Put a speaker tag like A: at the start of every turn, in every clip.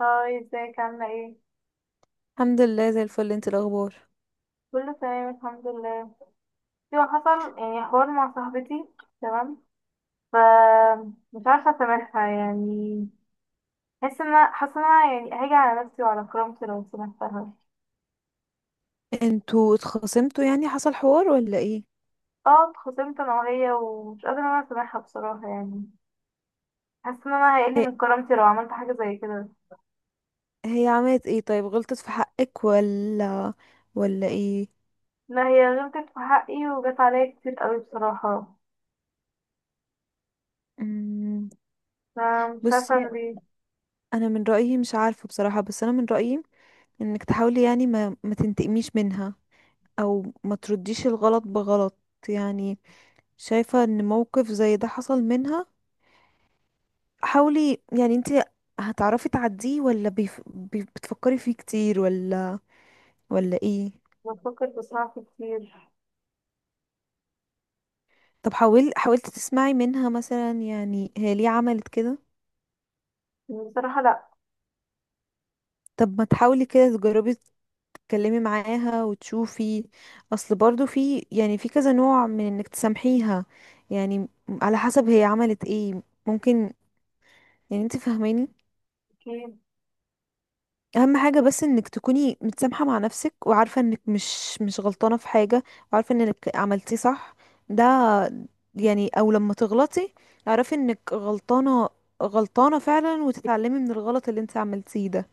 A: هاي، ازيك؟ عاملة ايه؟
B: الحمد لله زي الفل. انت الاخبار؟
A: كله تمام، الحمد لله. ايوه، حصل يعني حوار مع صاحبتي. تمام. ف مش عارفة اسامحها يعني. حاسة ان انا يعني هاجي على نفسي وعلى كرامتي لو سامحتها.
B: انتوا اتخاصمتوا يعني حصل حوار ولا ايه؟
A: اه، اتخاصمت انا وهي، ومش قادرة ان انا اسامحها بصراحة يعني. حاسة ان انا هيقل
B: هي,
A: من كرامتي لو عملت حاجة زي كده.
B: هي عملت ايه؟ طيب غلطت في حقك ولا ايه؟
A: لا، هي غلطت في حقي وجت عليا كتير قوي بصراحة.
B: مم.
A: فمش عارفة
B: بصي
A: اعمل ايه.
B: انا من رايي، مش عارفه بصراحه، بس انا من رايي انك تحاولي، يعني ما تنتقميش منها او ما ترديش الغلط بغلط. يعني شايفه ان موقف زي ده حصل منها، حاولي، يعني انت هتعرفي تعديه ولا بتفكري فيه كتير، ولا ايه؟
A: بفكر بصراحة كتير.
B: طب حاولت تسمعي منها مثلا، يعني هي ليه عملت كده؟
A: بصراحة لا.
B: طب ما تحاولي كده، تجربي تتكلمي معاها وتشوفي. اصل برضو في، يعني، في كذا نوع من انك تسامحيها، يعني على حسب هي عملت ايه. ممكن. يعني انت فاهماني؟
A: أكيد.
B: اهم حاجة بس انك تكوني متسامحة مع نفسك، وعارفة انك مش غلطانة في حاجة، وعارفة انك عملتي صح. ده يعني، او لما تغلطي اعرفي انك غلطانة، غلطانة فعلا، وتتعلمي من الغلط اللي انت عملتيه ده.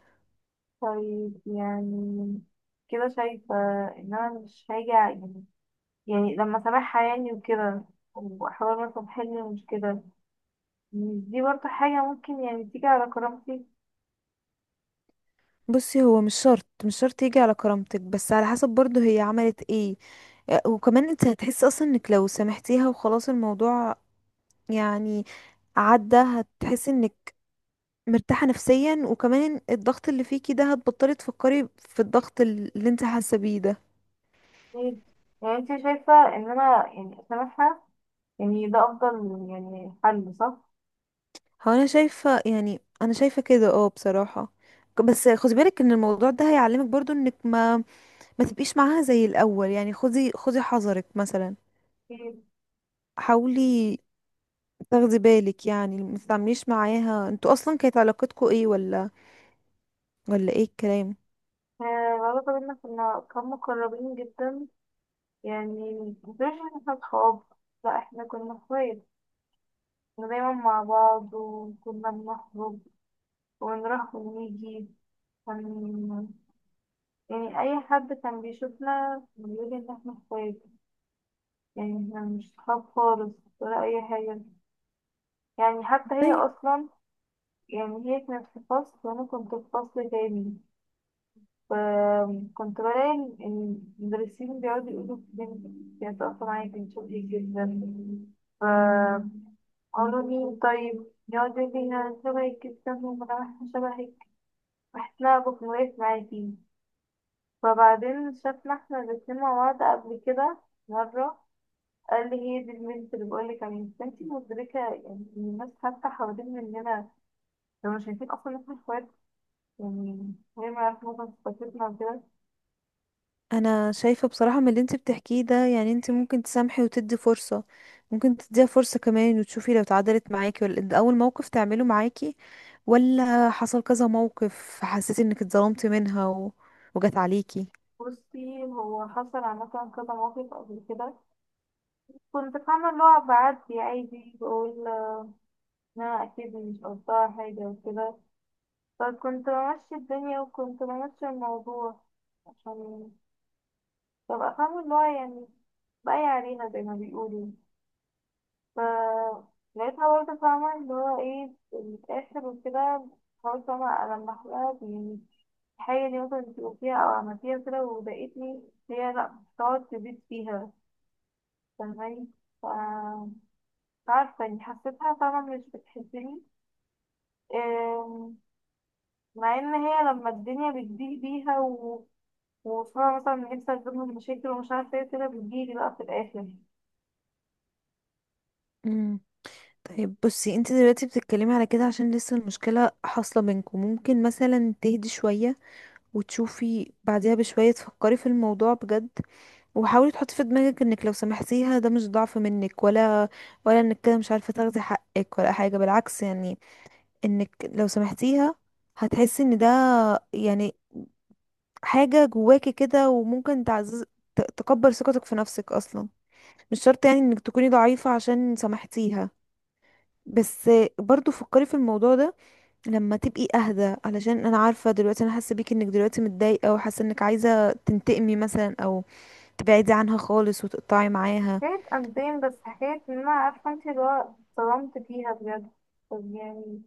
A: طيب يعني، كده شايفة إن أنا مش هاجي يعني، يعني لما سامعها يعني وكده، وأحاول مثلا أحل المشكلة. مش دي برضه حاجة ممكن يعني تيجي على كرامتي؟
B: بصي، هو مش شرط يجي على كرامتك، بس على حسب برضه هي عملت ايه. آه، وكمان انت هتحسي اصلا انك لو سامحتيها وخلاص الموضوع، يعني عدى، هتحسي انك مرتاحة نفسيا، وكمان الضغط اللي فيكي ده هتبطلي تفكري في الضغط اللي انت حاسة بيه ده.
A: إيه؟ يعني أنت شايفة إن أنا يعني أسامحها؟ يعني ده أفضل يعني حل، صح؟
B: هو انا شايفة، يعني انا شايفة كده، بصراحة. بس خدي بالك ان الموضوع ده هيعلمك برضو انك ما تبقيش معاها زي الاول. يعني خدي خدي حذرك مثلا.
A: طيب.
B: حاولي تاخدي بالك، يعني ما تتعامليش معاها. انتوا اصلا كانت علاقتكوا ايه، ولا ايه الكلام؟
A: آه. العلاقة بينا، كنا مقربين جدا. يعني مش إن احنا صحاب، لأ احنا كنا اخوات. كنا دايما مع بعض، وكنا بنخرج ونروح ونيجي. كان يعني أي حد كان بيشوفنا بيقول إن إحنا إخوات. يعني إحنا مش صحاب خالص ولا أي حاجة. يعني حتى هي
B: طيب.
A: أصلا يعني، هي كانت في فصل وأنا كنت في فصل تاني. فكنت بلاقي إن المدرسين بيقعدوا يقولوا في بنتي كانت أصلا معايا كانت شاطرة جدا. فقالوا لي طيب، يقعد يقول لي أنا شبهك جدا وأنا شبهك، وإحنا بنوقف معاكي. فبعدين شافنا احنا الاتنين مع بعض قبل كده مرة، قال لي هي دي البنت اللي بقول لك عليها، بس انتي مدركة يعني إن الناس حتى حوالين مننا لو مش شايفين اصلا ان احنا اخوات، يعني هي ما يعرفوا مثلا صفاتنا وكده.
B: انا شايفة بصراحة من اللي انت بتحكيه ده، يعني انت ممكن تسامحي وتدي فرصة. ممكن تديها فرصة كمان وتشوفي لو اتعدلت معاكي، ولا ده اول موقف تعمله معاكي، ولا حصل كذا موقف حسيتي انك اتظلمتي منها وجت عليكي.
A: بصي، هو حصل عامة كذا موقف قبل كده. كنت فاهمة اللي هو بعدي عادي بقول ان انا اكيد مش قصدها حاجة وكده، فكنت بمشي الدنيا وكنت بمشي الموضوع، عشان ببقى فاهمة اللي هو يعني بقى عليها زي ما بيقولوا. ف لقيتها برضه فاهمة اللي هو ايه، بتتأثر وكده. حاولت فاهمة ألمح لها يعني الحاجة دي، مثلا انتي قلتيها أو عملتيها كده وضايقتني. هي لأ، بتقعد تزيد فيها. فاهماني؟ ف مش عارفة يعني، حسيتها فاهمة مش بتحبني. أم، مع إن هي لما الدنيا بتضيق بيها وفاهمة مثلا نفسي أجيب من مشاكل ومش عارفة ايه كده، بتجيلي بقى في الآخر.
B: مم. طيب بصي، انت دلوقتي بتتكلمي على كده عشان لسه المشكلة حاصلة بينكم. ممكن مثلا تهدي شوية وتشوفي بعدها بشوية تفكري في الموضوع بجد. وحاولي تحطي في دماغك انك لو سامحتيها ده مش ضعف منك، ولا انك كده مش عارفة تاخدي حقك ولا حاجة. بالعكس يعني، انك لو سامحتيها هتحسي ان ده يعني حاجة جواكي كده، وممكن تعزز، تكبر ثقتك في نفسك اصلا. مش شرط يعني انك تكوني ضعيفة عشان سامحتيها. بس برضو فكري في الموضوع ده لما تبقي اهدى، علشان انا عارفه دلوقتي، انا حاسه بيكي انك دلوقتي متضايقه، وحاسه انك عايزه تنتقمي مثلا، او تبعدي عنها خالص وتقطعي
A: مش
B: معاها.
A: حكاية قلبين، بس حكاية ان انا عارفة انت اللي هو اتصدمت فيها بجد. طب يعني،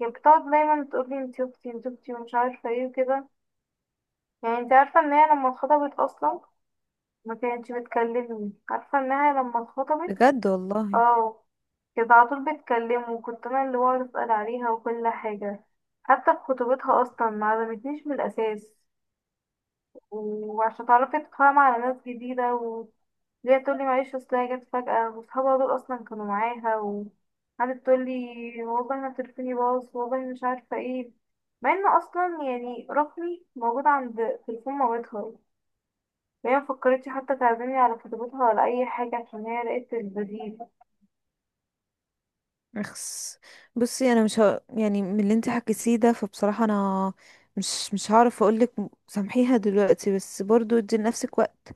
A: هي بتقعد دايما تقولي انت اختي انت اختي ومش عارفة ايه وكده. يعني انت عارفة ان هي لما اتخطبت اصلا ما كانتش بتكلمني؟ عارفة انها لما اتخطبت،
B: بجد والله؟
A: اه، كانت على طول بتكلمه، وكنت انا اللي بقعد اسأل عليها وكل حاجة. حتى في خطوبتها اصلا ما عزمتنيش من الاساس. وعشان تعرفي تتفاهم على ناس جديدة، ليه، تقول لي معلش اصل هي جت فجأة وصحابها دول اصلا كانوا معاها. وقعدت تقول لي والله انا تليفوني باظ والله مش عارفة ايه، مع ان اصلا يعني رقمي موجود عند تليفون مامتها. وهي مفكرتش حتى تعزمني على خطيبتها ولا اي حاجة، عشان هي لقيت البديل.
B: اخس. بصي انا مش ه... يعني من اللي انت حكيتيه ده، فبصراحه انا مش هعرف اقولك سامحيها دلوقتي، بس برضو ادي لنفسك وقت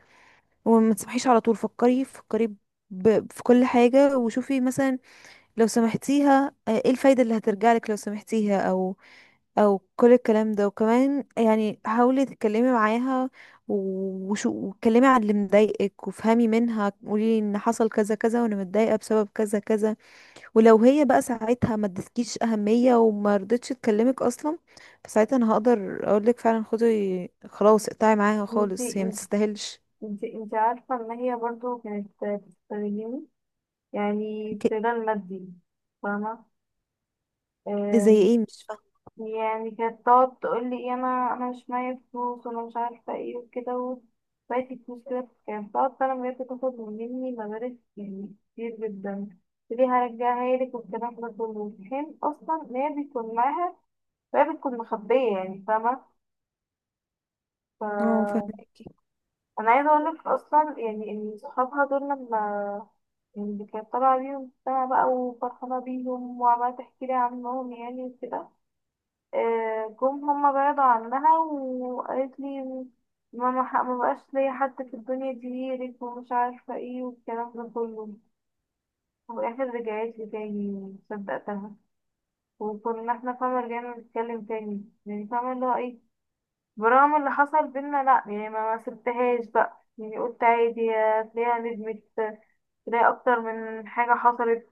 B: وما تسامحيش على طول. فكري فكري في كل حاجه، وشوفي مثلا لو سامحتيها، آه، ايه الفايده اللي هترجع لك لو سامحتيها، او كل الكلام ده؟ وكمان يعني حاولي تتكلمي معاها، و- وشو واتكلمي عن اللي مضايقك، وافهمي منها. قولي ان حصل كذا كذا وانا متضايقه بسبب كذا كذا. ولو هي بقى ساعتها ما ادتكيش اهميه وما رضتش تكلمك اصلا، فساعتها انا هقدر اقولك فعلا خدي خلاص اقطعي معاها
A: انتي
B: خالص، هي ما تستاهلش.
A: انتي عارفة ان هي برضو كانت بتستغلني، يعني
B: ك-
A: استغلال مادي.
B: زي
A: فاهمة؟
B: ايه؟ مش فاهمه.
A: يعني كانت تقعد تقول لي إيه، انا مش معايا فلوس وانا مش عارفه ايه وكده، وبقيت الفلوس كده، كانت بتقعد فعلا بجد تاخد مني مبالغ يعني كتير جدا. ليه هرجعها لك والكلام ده كله، في حين اصلا ان هي بيكون معاها وهي بتكون مخبيه يعني، فاهمه؟
B: اه،
A: ف
B: فاهمكي.
A: انا عايزه اقول لك اصلا يعني ان صحابها دول لما، يعني كانت طالعه بيهم السما بقى وفرحانه بيهم وعماله تحكي لي عنهم يعني وكده، آه، جم هما بعدوا عنها وقالت لي ما بقاش ليا حد في الدنيا غيرك ومش عارفة ايه والكلام ده كله. وفي الآخر رجعت لي تاني، صدقتها. وكنا احنا فاهمة رجعنا نتكلم تاني يعني، فاهمة اللي هو ايه، برغم اللي حصل بينا لأ يعني ما سبتهاش بقى، يعني قلت عادي هتلاقيها ندمت، تلاقي أكتر من حاجة حصلت.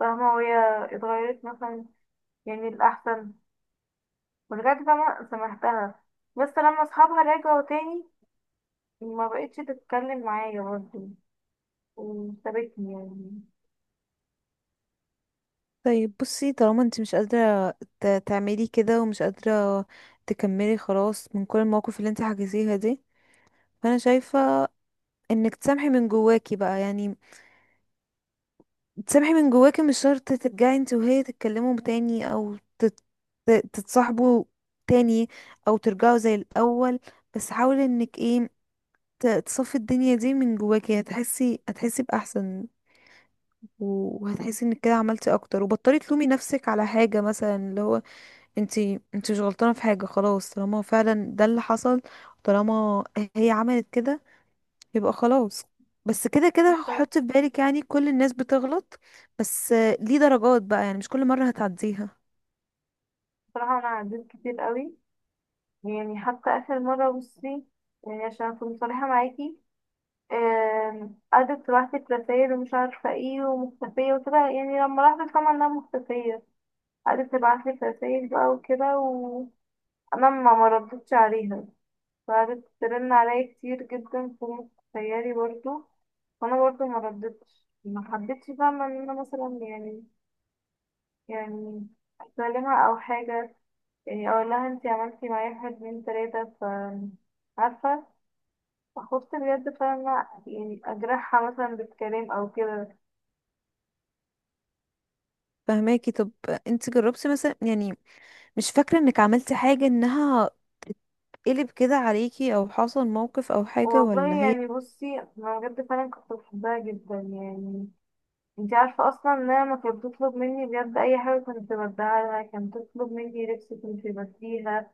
A: فاهمة؟ وهي اتغيرت مثلا يعني الأحسن بجد، فاهمة، سامحتها. بس لما اصحابها رجعوا تاني، ما بقتش تتكلم معايا برضه وسابتني يعني.
B: طيب بصي، طالما انت مش قادره تعملي كده، ومش قادره تكملي خلاص من كل المواقف اللي انت حكيتيها دي، فانا شايفه انك تسامحي من جواكي بقى. يعني تسامحي من جواكي، مش شرط ترجعي انت وهي تتكلموا تاني او تتصاحبوا تاني، او ترجعوا زي الاول. بس حاولي انك ايه، تصفي الدنيا دي من جواكي، هتحسي، هتحسي باحسن، وهتحسي انك كده عملتي اكتر، وبطلي تلومي نفسك على حاجه، مثلا اللي هو انت، انت مش غلطانه في حاجه خلاص طالما فعلا ده اللي حصل. طالما هي عملت كده يبقى خلاص. بس كده كده حط في بالك يعني كل الناس بتغلط، بس آه، ليه درجات بقى، يعني مش كل مرة هتعديها.
A: بصراحة أنا عديت كتير قوي يعني، حتى آخر مرة بصي، يعني عشان أكون صريحة معاكي، قعدت تبعتلي رسايل ومش عارفة ايه ومختفية وكده. يعني لما لاحظت طبعا انها مختفية، قعدت تبعتلي رسايل بقى وكده، وأنا ما مردتش عليها. وقعدت ترن عليا كتير جدا فوق خيالي برضه، وانا برضه ما ردتش، ما حبيتش فاهمة ان انا مثلا يعني، يعني اكلمها او حاجة، يعني اقول لها انتي عملتي معايا واحد اتنين تلاتة. ف عارفة، خفت بجد فاهمة يعني اجرحها مثلا بالكلام او كده.
B: فهماكي؟ طب انت جربتي مثلا، يعني مش فاكرة انك عملتي حاجة انها قلب كده عليكي، او حصل موقف او حاجة،
A: والله
B: ولا هي
A: يعني بصي، انا بجد فعلا كنت بحبها جدا يعني. انتي عارفة اصلا انها ما كانت بتطلب مني بجد اي حاجة كنت بديها لها، كانت بتطلب مني لبس كنت بديها.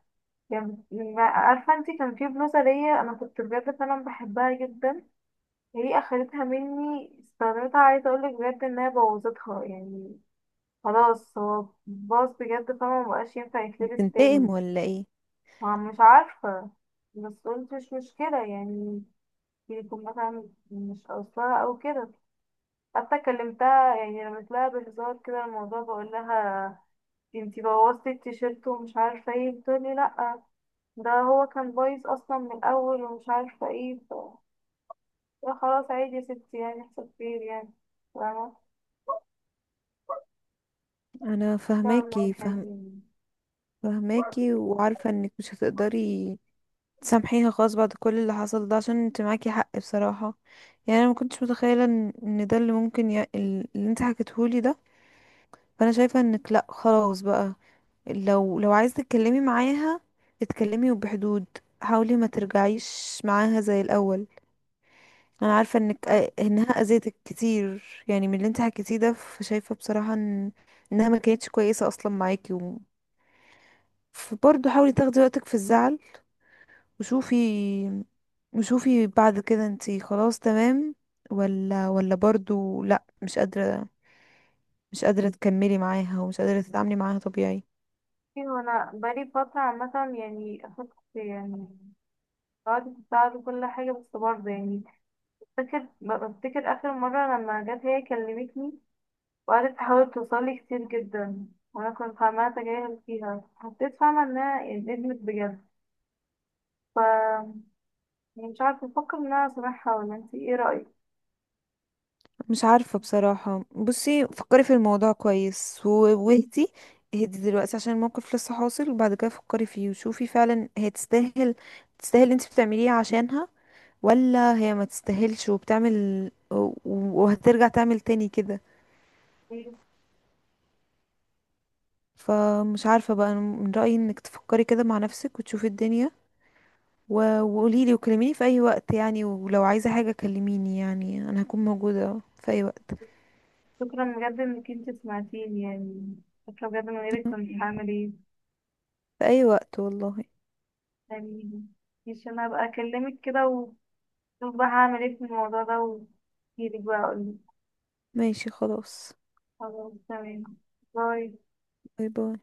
A: يعني عارفة انتي، كان في بلوزة ليا انا كنت بجد فعلا بحبها جدا، هي اخدتها مني، استخدمتها، عايزة اقولك بجد انها بوظتها يعني. خلاص، هو باظ بجد، فما مبقاش ينفع يتلبس
B: بتنتقم
A: تاني.
B: ولا ايه؟
A: مش عارفة، بس قلت مش مشكلة يعني، يكون مثلا مش قصدها او كده. حتى كلمتها يعني، رميت لها بهزار كده الموضوع، بقول لها انتي بوظتي التيشيرت ومش عارفة ايه. بتقولي لأ، ده هو كان بايظ اصلا من الاول ومش عارفه ايه لا خلاص، عادي يا ستي، يعني يحصل خير يعني. فاهمة؟
B: انا
A: فاهمة
B: فهماكي
A: الحاجة يعني.
B: فهماكي، وعارفة انك مش هتقدري تسامحيها خالص بعد كل اللي حصل ده، عشان انت معاكي حق بصراحة. يعني انا ما كنتش متخيلة ان ده اللي ممكن اللي انت حكيتهولي ده. فانا شايفه انك لا، خلاص بقى، لو عايز تتكلمي معاها اتكلمي وبحدود. حاولي ما ترجعيش معاها زي الاول. انا عارفه انك آه، انها اذيتك كتير، يعني من اللي انت حكيتيه ده، فشايفه بصراحه ان انها ما كانتش كويسه اصلا معاكي فبرضه حاولي تاخدي وقتك في الزعل. وشوفي، وشوفي بعد كده انت خلاص تمام، ولا برضه لا، مش قادره، مش قادره تكملي معاها ومش قادره تتعاملي معاها طبيعي.
A: بصي، هو انا بقالي فترة عامة يعني، اخدت يعني، قعدت تساعد كل حاجة، بس برضه يعني فاكر بفتكر اخر مرة لما جت هي كلمتني وقعدت تحاول توصلي كتير جدا، وانا كنت فاهمة اتجاهل فيها. حسيت فاهمة انها ندمت بجد. ف يعني مش عارفة افكر ان انا اسامحها، ولا انتي ايه رأيك؟
B: مش عارفة بصراحة. بصي فكري في الموضوع كويس، واهدي، اهدي دلوقتي عشان الموقف لسه حاصل، وبعد كده فكري فيه وشوفي فعلا هي تستاهل. تستاهل انت بتعمليه عشانها، ولا هي ما تستاهلش وبتعمل، وهترجع تعمل تاني كده؟ فمش عارفة بقى، أنا من رأيي انك تفكري كده مع نفسك وتشوفي الدنيا، وقوليلي وكلميني في اي وقت. يعني ولو عايزة حاجة كلميني، يعني انا هكون موجودة في اي وقت.
A: شكرا بجد انك انت سمعتيني يعني، شكرا بجد، من غيرك كنت هعمل ايه
B: في اي وقت والله.
A: يعني. مش انا هبقى اكلمك كده وشوف بقى هعمل ايه في الموضوع ده، واجيلك بقى اقولك.
B: ماشي خلاص.
A: خلاص تمام. باي.
B: باي باي.